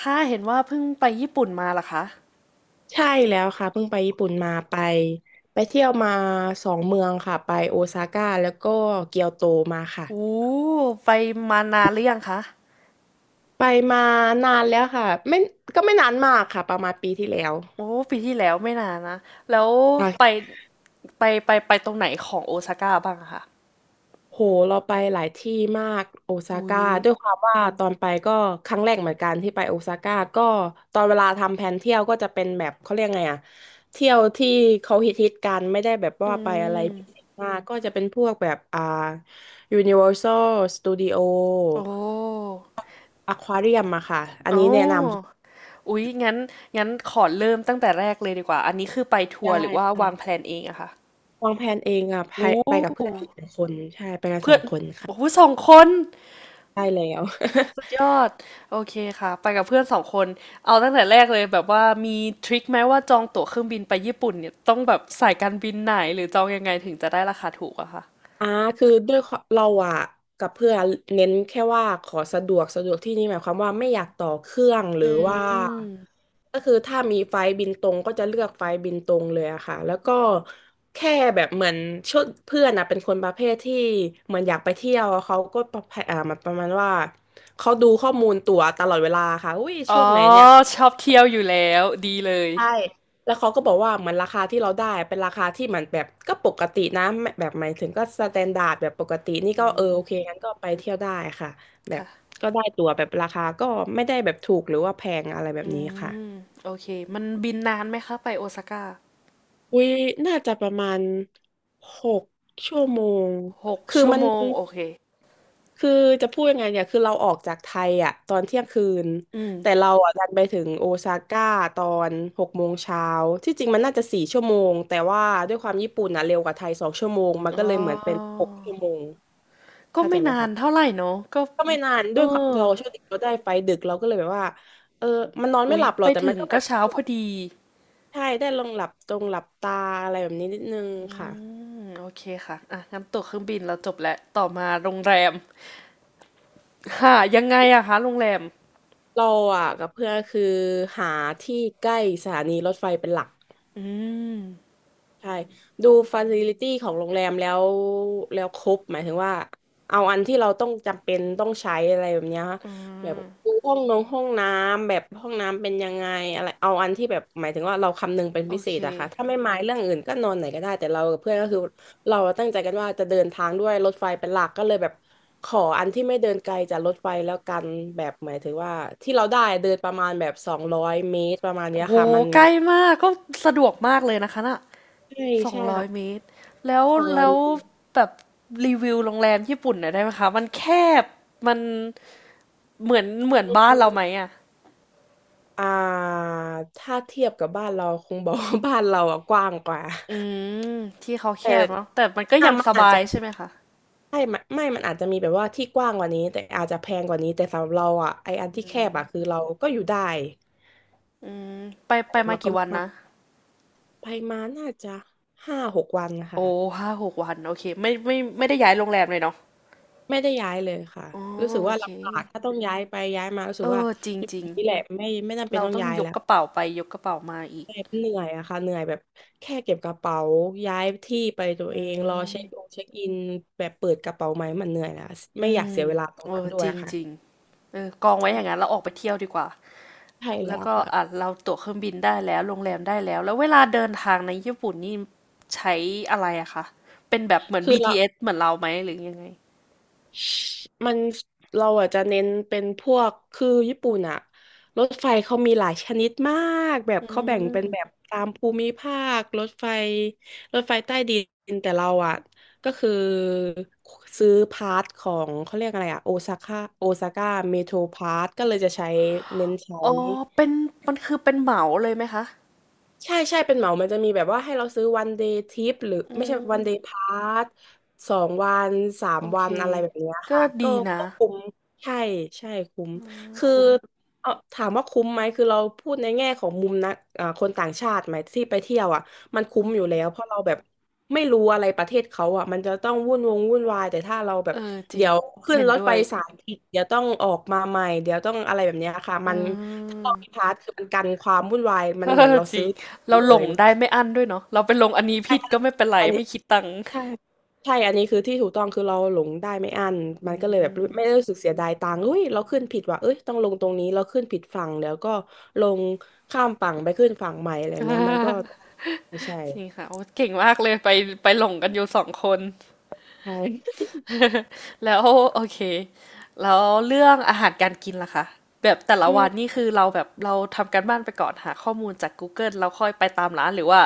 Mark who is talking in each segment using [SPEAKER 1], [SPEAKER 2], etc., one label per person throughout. [SPEAKER 1] ค่ะเห็นว่าเพิ่งไปญี่ปุ่นมาเหรอคะ
[SPEAKER 2] ใช่แล้วค่ะเพิ่งไปญี่ปุ่นมาไปเที่ยวมาสองเมืองค่ะไปโอซาก้าแล้วก็เกียวโตมาค่ะ
[SPEAKER 1] โอ้ ไปมานานหรือยังคะ
[SPEAKER 2] ไปมานานแล้วค่ะไม่ก็ไม่นานมากค่ะประมาณปีที่แล้ว
[SPEAKER 1] โอ้ปีที่แล้วไม่นานนะ แล้วไปไปไปตรงไหนของโอซาก้าบ้างอะคะ
[SPEAKER 2] โหเราไปหลายที่มากโอซา
[SPEAKER 1] อุ้
[SPEAKER 2] ก้า
[SPEAKER 1] ย
[SPEAKER 2] ด้วยความว่าตอนไปก็ครั้งแรกเหมือนกันที่ไปโอซาก้าก็ตอนเวลาทำแผนเที่ยวก็จะเป็นแบบเขาเรียกไงอะเที่ยวที่เขาฮิตฮิตกันไม่ได้แบบว่า
[SPEAKER 1] อื
[SPEAKER 2] ไปอะไร
[SPEAKER 1] ม
[SPEAKER 2] พิเศษมากก็จะเป็นพวกแบบUniversal Studio
[SPEAKER 1] โอ้
[SPEAKER 2] Aquarium อะค่ะอัน
[SPEAKER 1] อ๋อ
[SPEAKER 2] นี้แนะน
[SPEAKER 1] อุ๊ยงั้นขอเริ่มตั้งแต่แรกเลยดีกว่า อันนี้คือไป
[SPEAKER 2] ำ
[SPEAKER 1] ทัว
[SPEAKER 2] ใช่
[SPEAKER 1] ร์หรือว่า
[SPEAKER 2] ใช่
[SPEAKER 1] วางแพลนเองอะคะ
[SPEAKER 2] วางแผนเองอะไป
[SPEAKER 1] โอ
[SPEAKER 2] ไปกับเพื่อน
[SPEAKER 1] ้
[SPEAKER 2] อีกหนึ่งคนใช่ไปกันส
[SPEAKER 1] เพื่
[SPEAKER 2] อ
[SPEAKER 1] อน
[SPEAKER 2] งคน
[SPEAKER 1] โอ้
[SPEAKER 2] ค่ะ
[SPEAKER 1] สองคน
[SPEAKER 2] ได้แล้ว
[SPEAKER 1] สุดยอดโอเคค่ะไปกับเพื่อนสองคนเอาตั้งแต่แรกเลยแบบว่ามีทริคไหมว่าจองตั๋วเครื่องบินไปญี่ปุ่นเนี่ยต้องแบบสายการบินไหนหรือจองยังไงถึงจะได้ราคาถูกอะค่ะ
[SPEAKER 2] อ่าคือด้วยควาเราอะกับเพื่อนเน้นแค่ว่าขอสะดวกสะดวกที่นี่หมายความว่าไม่อยากต่อเครื่องหรือ
[SPEAKER 1] อื
[SPEAKER 2] ว่า
[SPEAKER 1] ม
[SPEAKER 2] ก็คือถ้ามีไฟล์บินตรงก็จะเลือกไฟล์บินตรงเลยอะค่ะแล้วก็แค่แบบเหมือนชุดเพื่อนอะเป็นคนประเภทที่เหมือนอยากไปเที่ยวอะเขาก็ประเภทมาประมาณว่าเขาดูข้อมูลตั๋วตลอดเวลาค่ะอุ้ยช่
[SPEAKER 1] อ๋
[SPEAKER 2] ว
[SPEAKER 1] อ
[SPEAKER 2] งไหนเนี่ย
[SPEAKER 1] ชอบเที่ยวอยู่แล้วดีเลย
[SPEAKER 2] ใช่ แล้วเขาก็บอกว่าเหมือนราคาที่เราได้เป็นราคาที่เหมันแบบก็ปกตินะไม่แบบหมายถึงก็สแตนดาร์ดแบบปกตินี่
[SPEAKER 1] อื
[SPEAKER 2] ก็เออโอเค
[SPEAKER 1] ม
[SPEAKER 2] งั้นก็ไปเที่ยวได้ค่ะแบบ
[SPEAKER 1] ค่ะ
[SPEAKER 2] ก็ได้ตั๋วแบบราคาก็ไม่ได้แบบถูกหรือว่าแพงอะไรแบบ
[SPEAKER 1] อื
[SPEAKER 2] นี้ค่ะ
[SPEAKER 1] มโอเคมันบินนานไหมคะไปโอซาก้า
[SPEAKER 2] อุ้ยน่าจะประมาณหกชั่วโมง
[SPEAKER 1] หก
[SPEAKER 2] คือ
[SPEAKER 1] ชั่ว
[SPEAKER 2] มัน
[SPEAKER 1] โมงโอเค
[SPEAKER 2] คือจะพูดยังไงเนี่ยคือเราออกจากไทยอ่ะตอนเที่ยงคืน
[SPEAKER 1] อืม
[SPEAKER 2] แต่เราอ่ะดันไปถึงโอซาก้าตอน6 โมงเช้า ที่จริงมันน่าจะ4 ชั่วโมง แต่ว่าด้วยความญี่ปุ่นอ่ะเร็วกว่าไทย2 ชั่วโมง มัน
[SPEAKER 1] อ๋
[SPEAKER 2] ก็เลยเหมือนเป็น
[SPEAKER 1] อ
[SPEAKER 2] หกชั่วโมง
[SPEAKER 1] ก็
[SPEAKER 2] เข้าใจ
[SPEAKER 1] ไม่
[SPEAKER 2] ไหม
[SPEAKER 1] นาน
[SPEAKER 2] คะ
[SPEAKER 1] เท่าไหร่เนอะก็
[SPEAKER 2] ก็ไม่นาน
[SPEAKER 1] เอ
[SPEAKER 2] ด้
[SPEAKER 1] อ
[SPEAKER 2] วยความเราโชคดีเราได้ไฟดึกเราก็เลยแบบว่าเออมันนอนไม่
[SPEAKER 1] อุ๊
[SPEAKER 2] ห
[SPEAKER 1] ย
[SPEAKER 2] ลับหร
[SPEAKER 1] ไป
[SPEAKER 2] อกแต่
[SPEAKER 1] ถึ
[SPEAKER 2] มัน
[SPEAKER 1] ง
[SPEAKER 2] ก็แบ
[SPEAKER 1] ก็
[SPEAKER 2] บ
[SPEAKER 1] เช้า
[SPEAKER 2] ห
[SPEAKER 1] พ
[SPEAKER 2] ลั
[SPEAKER 1] อ
[SPEAKER 2] บ
[SPEAKER 1] ดี
[SPEAKER 2] ใช่ได้ลองหลับตรงหลับตาอะไรแบบนี้นิดนึงค่ะ
[SPEAKER 1] อืมโอเคค่ะอ่ะงั้นตั๋วเครื่องบินเราจบแล้วต่อมาโรงแรมค่ายังไงอะคะโรงแรม
[SPEAKER 2] เราอ่ะกับเพื่อนคือหาที่ใกล้สถานีรถไฟเป็นหลัก
[SPEAKER 1] อืม
[SPEAKER 2] ใช่ดูฟ a ซิลิตี้ของโรงแรมแล้วแล้วครบหมายถึงว่าเอาอันที่เราต้องจำเป็นต้องใช้อะไรแบบเนี้ยค่ะ
[SPEAKER 1] อื
[SPEAKER 2] แบบ
[SPEAKER 1] ม
[SPEAKER 2] ดูห้องน้ำแบบห้องน้ำเป็นยังไงอะไรเอาอันที่แบบหมายถึงว่าเราคำนึงเป็น
[SPEAKER 1] โอ
[SPEAKER 2] พิเศ
[SPEAKER 1] เค
[SPEAKER 2] ษอะค่ะถ้าไม่หมายเรื่องอื่นก็นอนไหนก็ได้แต่เรากับเพื่อนก็คือเราตั้งใจกันว่าจะเดินทางด้วยรถไฟเป็นหลักก็เลยแบบขออันที่ไม่เดินไกลจากรถไฟแล้วกันแบบหมายถึงว่าที่เราได้เดินประมาณแบบสองร้อยเมตรประมาณเนี้
[SPEAKER 1] โอ้
[SPEAKER 2] ย
[SPEAKER 1] โห
[SPEAKER 2] ค่ะมัน
[SPEAKER 1] ใกล้มากก็สะดวกมากเลยนะคะน่ะ
[SPEAKER 2] ใช่
[SPEAKER 1] สอง
[SPEAKER 2] ใช่
[SPEAKER 1] ร้อยเม
[SPEAKER 2] ค่ะ
[SPEAKER 1] ตรแล้ว
[SPEAKER 2] สองร้อย
[SPEAKER 1] แล้
[SPEAKER 2] เม
[SPEAKER 1] ว
[SPEAKER 2] ตร
[SPEAKER 1] แบบรีวิวโรงแรมญี่ปุ่นหน่อยได้ไหมคะ มันแคบ มันเหมือนบ้านเราไหมอะ
[SPEAKER 2] อ่าถ้าเทียบกับบ้านเราคง บอกว่าบ้านเราอะกว้างกว่า
[SPEAKER 1] อืมที่เขาแค
[SPEAKER 2] แต่
[SPEAKER 1] บเนาะแต่มันก็ยัง
[SPEAKER 2] มัน
[SPEAKER 1] ส
[SPEAKER 2] อาจ
[SPEAKER 1] บา
[SPEAKER 2] จะ
[SPEAKER 1] ยใช่ไหมคะ
[SPEAKER 2] ใช่ไม่ไม่มันอาจจะมีแบบว่าที่กว้างกว่านี้แต่อาจจะแพงกว่านี้แต่สำหรับเราอ่ะไออันที่แคบอ่ะคือเราก็อยู่ได้
[SPEAKER 1] อืมไปมา
[SPEAKER 2] เราก็
[SPEAKER 1] กี่วัน
[SPEAKER 2] มา
[SPEAKER 1] นะ
[SPEAKER 2] ไปมาน่าจะ5-6 วันนะคะ
[SPEAKER 1] โอ้ห้าหกวันโอเคไม่ไม่ได้ย้ายโรงแรมเลยเนาะ
[SPEAKER 2] ไม่ได้ย้ายเลยค่ะ
[SPEAKER 1] อ๋อ
[SPEAKER 2] รู้สึก
[SPEAKER 1] โอ
[SPEAKER 2] ว่า
[SPEAKER 1] เค
[SPEAKER 2] ลำบากถ้าต้องย้ายไปย้ายมารู้สึ
[SPEAKER 1] เอ
[SPEAKER 2] กว่า
[SPEAKER 1] อจ
[SPEAKER 2] อยู่
[SPEAKER 1] ริง
[SPEAKER 2] นี่แหละไม่ไม่จำ
[SPEAKER 1] ๆ
[SPEAKER 2] เป็น
[SPEAKER 1] เรา
[SPEAKER 2] ต้อง
[SPEAKER 1] ต้อง
[SPEAKER 2] ย้าย
[SPEAKER 1] ยก
[SPEAKER 2] แล้ว
[SPEAKER 1] กระเป๋าไปยกกระเป๋ามาอีก
[SPEAKER 2] เหน็บเหนื่อยอะค่ะเหนื่อยแบบแค่เก็บกระเป๋าย้ายที่ไปตัว
[SPEAKER 1] อื
[SPEAKER 2] เองรอ
[SPEAKER 1] ม
[SPEAKER 2] เช็คอินแบบเปิดกระเป๋าไหมมันเหนื่อยแล้วไม่
[SPEAKER 1] อื
[SPEAKER 2] อยาก
[SPEAKER 1] ม
[SPEAKER 2] เสียเวลาตร
[SPEAKER 1] เอ
[SPEAKER 2] งนั้น
[SPEAKER 1] อ
[SPEAKER 2] ด้ว
[SPEAKER 1] จ
[SPEAKER 2] ยค่ะ
[SPEAKER 1] ริงๆเออกองไว้อย่างนั้นเราออกไปเที่ยวดีกว่า
[SPEAKER 2] ใช่แล้
[SPEAKER 1] แล้ว
[SPEAKER 2] ว
[SPEAKER 1] ก็
[SPEAKER 2] ค่ะ
[SPEAKER 1] อ่ะเราตั๋วเครื่องบินได้แล้วโรงแรมได้แล้ว แล้วเวลาเดินทางในญี่ปุ่นนี่ใช้อะไรอะคะเป็นแบบเหมือน
[SPEAKER 2] คือเรา
[SPEAKER 1] BTS เอสเหมือนเราไหมหรือยังไง
[SPEAKER 2] มันเราอาจจะเน้นเป็นพวกคือญี่ปุ่นอะรถไฟเขามีหลายชนิดมากแบบ
[SPEAKER 1] อื
[SPEAKER 2] เขาแบ่งเป็
[SPEAKER 1] ม
[SPEAKER 2] นแบบตามภูมิภาครถไฟรถไฟใต้ดินแต่เราอะก็คือซื้อพาร์ทของเขาเรียกอะไรอะโอซาก้าเมโทรพาร์ทก็เลยจะใช้เน้นใช้
[SPEAKER 1] อ๋อเป็นมันคือเป็นเหมาเลยไหมคะ
[SPEAKER 2] ใช่ใช่เป็นเหมามันจะมีแบบว่าให้เราซื้อวันเดย์ทริปหรือ
[SPEAKER 1] อื
[SPEAKER 2] ไม่ใช่
[SPEAKER 1] ม
[SPEAKER 2] วันเดย์พาส2 วันสาม
[SPEAKER 1] โอ
[SPEAKER 2] วั
[SPEAKER 1] เค
[SPEAKER 2] นอะไรแบบเนี้ย
[SPEAKER 1] ก็
[SPEAKER 2] ค่ะก็
[SPEAKER 1] ดีนะ
[SPEAKER 2] ก็คุ้มใช่ใช่คุ้มคือ
[SPEAKER 1] คุ้ม
[SPEAKER 2] เออถามว่าคุ้มไหมคือเราพูดในแง่ของมุมนะคนต่างชาติไหมที่ไปเที่ยวอ่ะมันคุ้มอยู่แล้วเพราะเราแบบไม่รู้อะไรประเทศเขาอ่ะมันจะต้องวุ่นวายแต่ถ้าเราแบ
[SPEAKER 1] เอ
[SPEAKER 2] บ
[SPEAKER 1] อจริ
[SPEAKER 2] เดี๋
[SPEAKER 1] ง
[SPEAKER 2] ยวขึ้น
[SPEAKER 1] เห็น
[SPEAKER 2] รถ
[SPEAKER 1] ด้ว
[SPEAKER 2] ไฟ
[SPEAKER 1] ย
[SPEAKER 2] สายผิดเดี๋ยวต้องออกมาใหม่เดี๋ยวต้องอะไรแบบเนี้ยค่ะ
[SPEAKER 1] อา
[SPEAKER 2] มันถ้าเรามีพาสคือมันกันความวุ่นวายมันเหมือนเรา
[SPEAKER 1] จริ
[SPEAKER 2] ซื้อ
[SPEAKER 1] งเรา
[SPEAKER 2] เล
[SPEAKER 1] หลง
[SPEAKER 2] ย
[SPEAKER 1] ได้ไม่อั้นด้วยเนาะเราไปลงอันนี้
[SPEAKER 2] ใช่
[SPEAKER 1] ผิดก็ไม่เป็นไร
[SPEAKER 2] อันนี้
[SPEAKER 1] ไม่คิดตังค์
[SPEAKER 2] ใช่ใช่อันนี้คือที่ถูกต้องคือเราหลงได้ไม่อั้น
[SPEAKER 1] อื
[SPEAKER 2] มันก็เลยแบบไม่ได้
[SPEAKER 1] ม
[SPEAKER 2] รู้สึกเสียดายตังค์เฮ้ยเราขึ้นผิดว่ะเอ้ยต้องลงตรงนี้เราขึ้นผิดฝั่งแล้วก็ลงข้ามฝั่งไปขึ้นฝั่งใหม่อะไรแบบเนี้ยมันก็ ไม่ใช่
[SPEAKER 1] จริงค่ะโอ้เก่งมากเลยไปหลงกันอยู่สองคน
[SPEAKER 2] ใช่
[SPEAKER 1] แล้วโอเคแล้วเรื่องอาหารการกินล่ะคะแบบแต่ ละ
[SPEAKER 2] อื
[SPEAKER 1] วันนี่
[SPEAKER 2] ม
[SPEAKER 1] คือเราแบบเราทำการบ้านไปก่อนหาข้อมูลจากกูเกิลเราค่อยไปตามร้านหรือว่า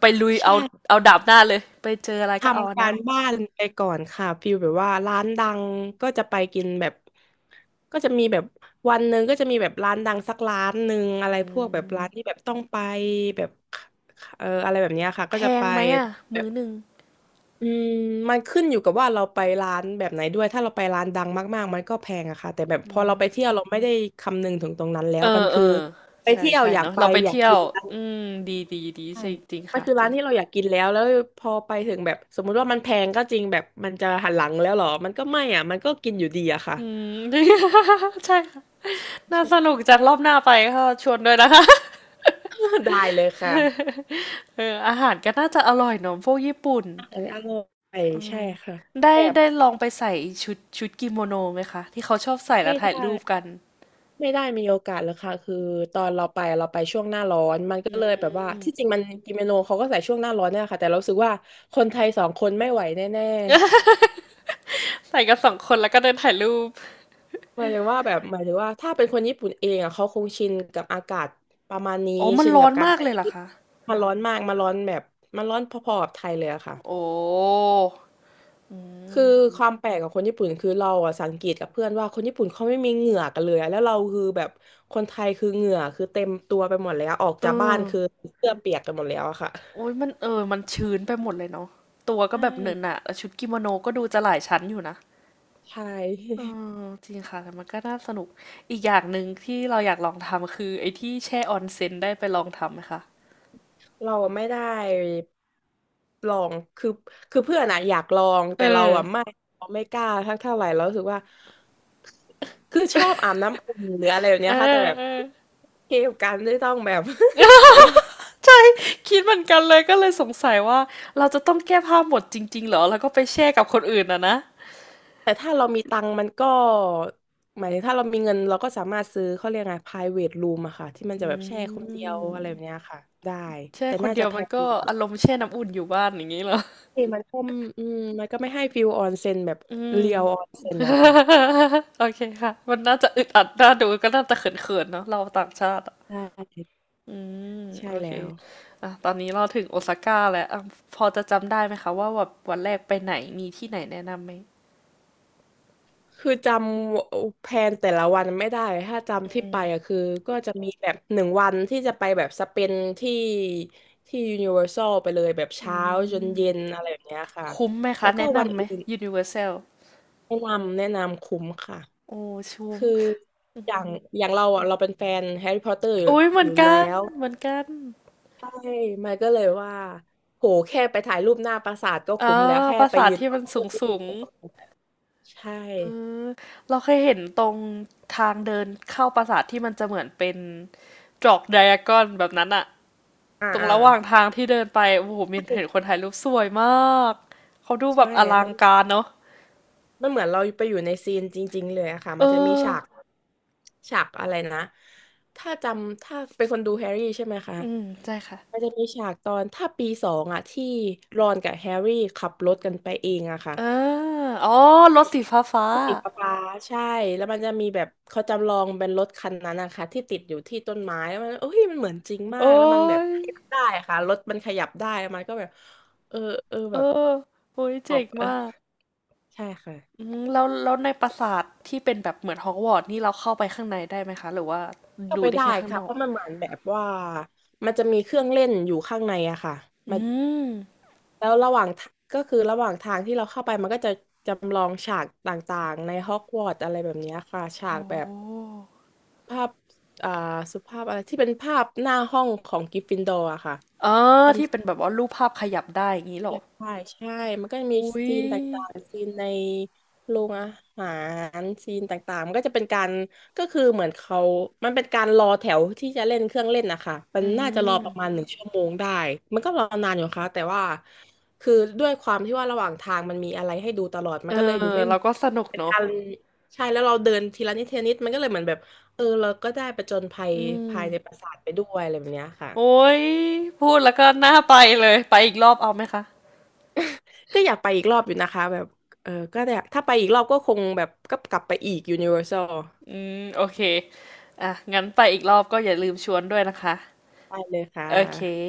[SPEAKER 1] ไปลุย
[SPEAKER 2] ใช่
[SPEAKER 1] เอาเอาดาบหน้าเลยไปเจออะไรก็เอาอั
[SPEAKER 2] ทำ
[SPEAKER 1] น
[SPEAKER 2] กา
[SPEAKER 1] นั้น
[SPEAKER 2] รบ้านไปก่อนค่ะฟิลแบบว่าร้านดังก็จะไปกินแบบก็จะมีแบบวันหนึ่งก็จะมีแบบร้านดังสักร้านหนึ่งอะไรพวกแบบร้านที่แบบต้องไปแบบเอออะไรแบบเนี้ยค่ะก็
[SPEAKER 1] แพ
[SPEAKER 2] จะไป
[SPEAKER 1] งไหมอะ
[SPEAKER 2] แบ
[SPEAKER 1] มื้
[SPEAKER 2] บ
[SPEAKER 1] อหนึ่ง
[SPEAKER 2] อืมมันขึ้นอยู่กับว่าเราไปร้านแบบไหนด้วยถ้าเราไปร้านดังมากๆมันก็แพงอะค่ะแต่แบบพอเราไปเที่ยวเราไม่ได้คำนึงถึงตรงนั้นแล้ว
[SPEAKER 1] เอ
[SPEAKER 2] มัน
[SPEAKER 1] อเอ
[SPEAKER 2] คือ
[SPEAKER 1] อ
[SPEAKER 2] ไป
[SPEAKER 1] ใช่
[SPEAKER 2] เที่ยว
[SPEAKER 1] ใช่
[SPEAKER 2] อยาก
[SPEAKER 1] เนาะ
[SPEAKER 2] ไป
[SPEAKER 1] เราไป
[SPEAKER 2] อยาก
[SPEAKER 1] เที่ย
[SPEAKER 2] กิ
[SPEAKER 1] ว
[SPEAKER 2] น
[SPEAKER 1] อืมดี
[SPEAKER 2] ใช่
[SPEAKER 1] ใช่จริง
[SPEAKER 2] มัน
[SPEAKER 1] ค่ะ
[SPEAKER 2] คือ
[SPEAKER 1] จ
[SPEAKER 2] ร้า
[SPEAKER 1] ริ
[SPEAKER 2] น
[SPEAKER 1] ง
[SPEAKER 2] ที่เราอยากกินแล้ว แล้วพอไปถึงแบบสมมุติว่ามันแพงก็จริงแบบมันจะหันหลังแล้วเหรอมันก็ไม่อ่ะมันก็กินอยู่ดีอะค่ะ
[SPEAKER 1] อืม ใช่ค่ะน่าส
[SPEAKER 2] ใช่
[SPEAKER 1] นุกจัดรอบหน้าไปก็ชวนด้วยนะคะ
[SPEAKER 2] ได้เลยค่ะ
[SPEAKER 1] เอออาหารก็น่าจะอร่อยเนาะพวกญี่ปุ่น
[SPEAKER 2] อาหารอร่อย
[SPEAKER 1] อื
[SPEAKER 2] ใช่
[SPEAKER 1] ม
[SPEAKER 2] ค่ะ
[SPEAKER 1] ได้
[SPEAKER 2] แบบ
[SPEAKER 1] ได้ลองไปใส่ชุดกิโมโนไหมคะที่เขาชอบใส่แล้
[SPEAKER 2] ไม่
[SPEAKER 1] วถ่า
[SPEAKER 2] ได้
[SPEAKER 1] ยรูปกัน
[SPEAKER 2] ไม่ได้มีโอกาสเลยค่ะคือตอนเราไปช่วงหน้าร้อนมันก็
[SPEAKER 1] อื
[SPEAKER 2] เลยแบบว่า
[SPEAKER 1] ม
[SPEAKER 2] ที่จริงมันกินเมนูเขาก็ใส่ช่วงหน้าร้อนเนี่ยค่ะแต่เรารู้สึกว่าคนไทยสองคนไม่ไหวแน่
[SPEAKER 1] ใส่กันสองคนแล้วก็เดินถ่ายรูป
[SPEAKER 2] หมายถึงว่าแบบหมายถึงว่าถ้าเป็นคนญี่ปุ่นเองอ่ะเขาคงชินกับอากาศประมาณนี้
[SPEAKER 1] อ๋อมัน
[SPEAKER 2] ชิน
[SPEAKER 1] ร้อ
[SPEAKER 2] กับ
[SPEAKER 1] น
[SPEAKER 2] การ
[SPEAKER 1] มาก
[SPEAKER 2] ใส่
[SPEAKER 1] เลยเห
[SPEAKER 2] ชุ
[SPEAKER 1] รอ
[SPEAKER 2] ด
[SPEAKER 1] คะ
[SPEAKER 2] มันร้อนมากมันร้อนแบบมันร้อนพอๆกับไทยเลยอะค่ะ
[SPEAKER 1] โอ้อื
[SPEAKER 2] คือ
[SPEAKER 1] ม
[SPEAKER 2] ความแปลกของคนญี่ปุ่นคือเราอ่ะสังเกตกับเพื่อนว่าคนญี่ปุ่นเขาไม่มีเหงื่อกันเลยอะแล้วเราคือแบบคนไทยคือเหงื่อคือเต็มตัวไปหมดแล้วออกจา
[SPEAKER 1] อื
[SPEAKER 2] กบ้าน
[SPEAKER 1] ม
[SPEAKER 2] คือเสื้อเปียกกันหมดแล้วอะค่ะ
[SPEAKER 1] โอ้ยมันเออมันชื้นไปหมดเลยเนาะตัวก็
[SPEAKER 2] ใช
[SPEAKER 1] แบบเหนอะห
[SPEAKER 2] ่
[SPEAKER 1] นะแล้วชุดกิโมโนก็ดูจะหลายชั้นอยู่นะ
[SPEAKER 2] ใช่
[SPEAKER 1] เออจริงค่ะแต่มันก็น่าสนุกอีกอย่างหนึ่งที่เราอยากลองทำคือไอ้ที่แช่ออนเซ็นได้ไปลองทำไหมคะ
[SPEAKER 2] เราอะไม่ได้ลองคือคือเพื่อนอะอยากลอง
[SPEAKER 1] เอ
[SPEAKER 2] แต่เรา
[SPEAKER 1] อ
[SPEAKER 2] อะไม่เราไม่กล้าทักเท่าไหร่เรารู้สึกว่า คือชอบอาบน้ำอุ่นหรืออะไรแบบ
[SPEAKER 1] เอ
[SPEAKER 2] เนี้ยค่ะแต่แบบ
[SPEAKER 1] อๆ
[SPEAKER 2] เกมกันไม่ต้องแบบ
[SPEAKER 1] ใช่คิดเหมือนกันเลยก็เลยสงสัยว่าเราจะต้องแก้ผ้าหมดจริงๆเหรอแล้วก็ไปแช่กับคนอื่นอะนะ
[SPEAKER 2] แต่ถ้าเรามีตังค์มันก็หมายถึงถ้าเรามีเงินเราก็สามารถซื้อเขาเรียกไง private room อะค่ะที่มันจะ
[SPEAKER 1] อื
[SPEAKER 2] แบบแช่คนเดียวอะไรแบบเนี้
[SPEAKER 1] ม
[SPEAKER 2] ยค่ะได้
[SPEAKER 1] แช่
[SPEAKER 2] แต่
[SPEAKER 1] คน
[SPEAKER 2] น่า
[SPEAKER 1] เดี
[SPEAKER 2] จะ
[SPEAKER 1] ยว
[SPEAKER 2] แพ
[SPEAKER 1] มัน
[SPEAKER 2] ง
[SPEAKER 1] ก็
[SPEAKER 2] กว่า
[SPEAKER 1] อารมณ์แช่น้ำอุ่นอยู่บ้านอย่างงี้เหรอ
[SPEAKER 2] ที่มันก็อืมมันก็ไม่ให้ฟิลออนเซ็นแบบ
[SPEAKER 1] อืม
[SPEAKER 2] เรียวออนเซ็นนะคะ
[SPEAKER 1] โอเคค่ะ มันน่าจะอึดอัดน่าดูก็น่าจะเขินๆเนาะเราต่างชาติอะ
[SPEAKER 2] ใช่
[SPEAKER 1] อืม
[SPEAKER 2] ใช่
[SPEAKER 1] โอเค
[SPEAKER 2] แล้ว
[SPEAKER 1] อ่ะตอนนี้เราถึงโอซาก้าแล้วอ่ะพอจะจำได้ไหมคะว่าแบบวันแรกไปไหนมีที่ไหนแนะนำไหม
[SPEAKER 2] คือจำแพลนแต่ละวันไม่ได้ ถ้าจำที่
[SPEAKER 1] อื
[SPEAKER 2] ไป
[SPEAKER 1] ม
[SPEAKER 2] อะคือก็จะมีแบบหนึ่งวันที่จะไปแบบสเปนที่ที่ยูนิเวอร์แซลไปเลยแบบ
[SPEAKER 1] อื
[SPEAKER 2] เช้าจน
[SPEAKER 1] ม
[SPEAKER 2] เย็นอะไรแบบเนี้ยค่ะ
[SPEAKER 1] คุ้มไหมคะ
[SPEAKER 2] แล้วก็
[SPEAKER 1] แนะ
[SPEAKER 2] วัน
[SPEAKER 1] นำไหม
[SPEAKER 2] อื่น
[SPEAKER 1] Universal
[SPEAKER 2] แนะนำแนะนำคุ้มค่ะ
[SPEAKER 1] โอ้ ชุ้ม
[SPEAKER 2] คืออย่างอย่างเราอะเราเป็นแฟนแฮร์รี่พอตเตอร์
[SPEAKER 1] โอ้ย เห
[SPEAKER 2] อ
[SPEAKER 1] มื
[SPEAKER 2] ยู่อ
[SPEAKER 1] อน
[SPEAKER 2] ยู่แล้
[SPEAKER 1] กัน
[SPEAKER 2] ว
[SPEAKER 1] เหมือนกัน
[SPEAKER 2] ใช่มันก็เลยว่าโหแค่ไปถ่ายรูปหน้าปราสาทก็
[SPEAKER 1] อ่า
[SPEAKER 2] คุ้มแล้วแค่
[SPEAKER 1] ปรา
[SPEAKER 2] ไป
[SPEAKER 1] สาท
[SPEAKER 2] ยืน
[SPEAKER 1] ที่
[SPEAKER 2] รอ
[SPEAKER 1] มัน
[SPEAKER 2] ก็
[SPEAKER 1] สู
[SPEAKER 2] คุ้
[SPEAKER 1] ง
[SPEAKER 2] ม
[SPEAKER 1] สูง
[SPEAKER 2] แล้วใช่
[SPEAKER 1] เออเราเคยเห็นตรงทางเดินเข้าปราสาทที่มันจะเหมือนเป็นจอกไดอะกอนแบบนั้นอะ
[SPEAKER 2] อ่า
[SPEAKER 1] ตรง
[SPEAKER 2] อ่า
[SPEAKER 1] ระหว่างทางที่เดินไปโอ้โหมีนเห็นคนถ่ายรูปสวยมากเขาดูแบ
[SPEAKER 2] ใช่
[SPEAKER 1] บอ
[SPEAKER 2] แล้ว
[SPEAKER 1] ลั
[SPEAKER 2] มั
[SPEAKER 1] ง
[SPEAKER 2] น
[SPEAKER 1] การเนาะ
[SPEAKER 2] มันเหมือนเราไปอยู่ในซีนจริงๆเลยอะค่ะ
[SPEAKER 1] เออ
[SPEAKER 2] มันจะมีฉากฉากอะไรนะถ้าเป็นคนดูแฮร์รี่ใช่ไหมคะ
[SPEAKER 1] อืมใช่ค่ะ
[SPEAKER 2] มันจะมีฉากตอนถ้าปีสองอะที่รอนกับแฮร์รี่ขับรถกันไปเองอะค่ะ
[SPEAKER 1] เอออ๋อรถสีฟ้า
[SPEAKER 2] สีฟ้าๆใช่ แล้วมันจะมีแบบเขาจำลองเป็นรถคันนั้นนะคะที่ติดอยู่ที่ต้นไม้แล้วมันโอ้ยมันเหมือนจริงมาก
[SPEAKER 1] โอ้
[SPEAKER 2] แล้วมันแบบ
[SPEAKER 1] ย
[SPEAKER 2] ขยับได้อะค่ะรถมันขยับได้แล้วมันก็แบบเออเออ
[SPEAKER 1] เอ
[SPEAKER 2] แบบ
[SPEAKER 1] อโอ้ย
[SPEAKER 2] ขอ
[SPEAKER 1] เจ๋
[SPEAKER 2] บ
[SPEAKER 1] ง
[SPEAKER 2] เออ
[SPEAKER 1] มาก
[SPEAKER 2] ใช่ค่ะ
[SPEAKER 1] อืมแล้วในปราสาทที่เป็นแบบเหมือนฮอกวอตส์นี่เราเข้าไปข้างในได้ไหมคะหรือว่า
[SPEAKER 2] เข้า
[SPEAKER 1] ดู
[SPEAKER 2] ไป
[SPEAKER 1] ได้
[SPEAKER 2] ได้
[SPEAKER 1] แค่ข้าง
[SPEAKER 2] ค่ะ
[SPEAKER 1] นอ
[SPEAKER 2] เพ
[SPEAKER 1] ก
[SPEAKER 2] ราะมันเหมือนแบบว่ามันจะมีเครื่องเล่นอยู่ข้างในอะค่ะ
[SPEAKER 1] อื
[SPEAKER 2] มา
[SPEAKER 1] ม
[SPEAKER 2] แล้วระหว่างทาก็คือระหว่างทางที่เราเข้าไปมันก็จะจำลองฉากต่างๆในฮอกวอตส์อะไรแบบเนี้ยค่ะ
[SPEAKER 1] โห
[SPEAKER 2] ฉากแบบภาพอ่าสุภาพอะไรที่เป็นภาพหน้าห้องของกริฟฟินดอร์อะค่ะ
[SPEAKER 1] อ๋อที่เป็นแบบว่ารูปภาพขยับได้อย่างงี้เหร
[SPEAKER 2] อ
[SPEAKER 1] อ
[SPEAKER 2] ยากถ่ายใช่มันก็จะมี
[SPEAKER 1] อุ๊ย
[SPEAKER 2] ซีนต่างๆซีนในโรงอาหารซีนต่างๆมันก็จะเป็นการก็คือเหมือนเขามันเป็นการรอแถวที่จะเล่นเครื่องเล่นนะคะมั
[SPEAKER 1] อื
[SPEAKER 2] นน่าจะรอ
[SPEAKER 1] ม
[SPEAKER 2] ประมาณ1 ชั่วโมงได้ มันก็รอนานอยู่ค่ะแต่ว่าคือด้วยความที่ว่าระหว่างทางมันมีอะไรให้ดูตลอดมั
[SPEAKER 1] เอ
[SPEAKER 2] นก็เลยดู
[SPEAKER 1] อ
[SPEAKER 2] ไม่
[SPEAKER 1] เรา
[SPEAKER 2] เบื่
[SPEAKER 1] ก็
[SPEAKER 2] อ
[SPEAKER 1] สนุก
[SPEAKER 2] เป็น
[SPEAKER 1] เนอะ
[SPEAKER 2] การใช่แล้วเราเดินทีละนิดทีละนิดมันก็เลยเหมือนแบบเออเราก็ได้ผจญภัย
[SPEAKER 1] อืม
[SPEAKER 2] ภายในปราสาทไปด้วยอะไรแบบเนี้ยค่ะ
[SPEAKER 1] โอ้ยพูดแล้วก็น่าไปเลยไปอีกรอบเอาไหมคะ
[SPEAKER 2] ก็อยากไปอีกรอบอยู่นะคะแบบเออก็อยากถ้าไปอีกรอบก็คงแบบก็กลับไปอีก Universal
[SPEAKER 1] อืมโอเค อ่ะงั้นไปอีกรอบก็อย่าลืมชวนด้วยนะคะ
[SPEAKER 2] ไปเลยค่
[SPEAKER 1] โอเค
[SPEAKER 2] ะ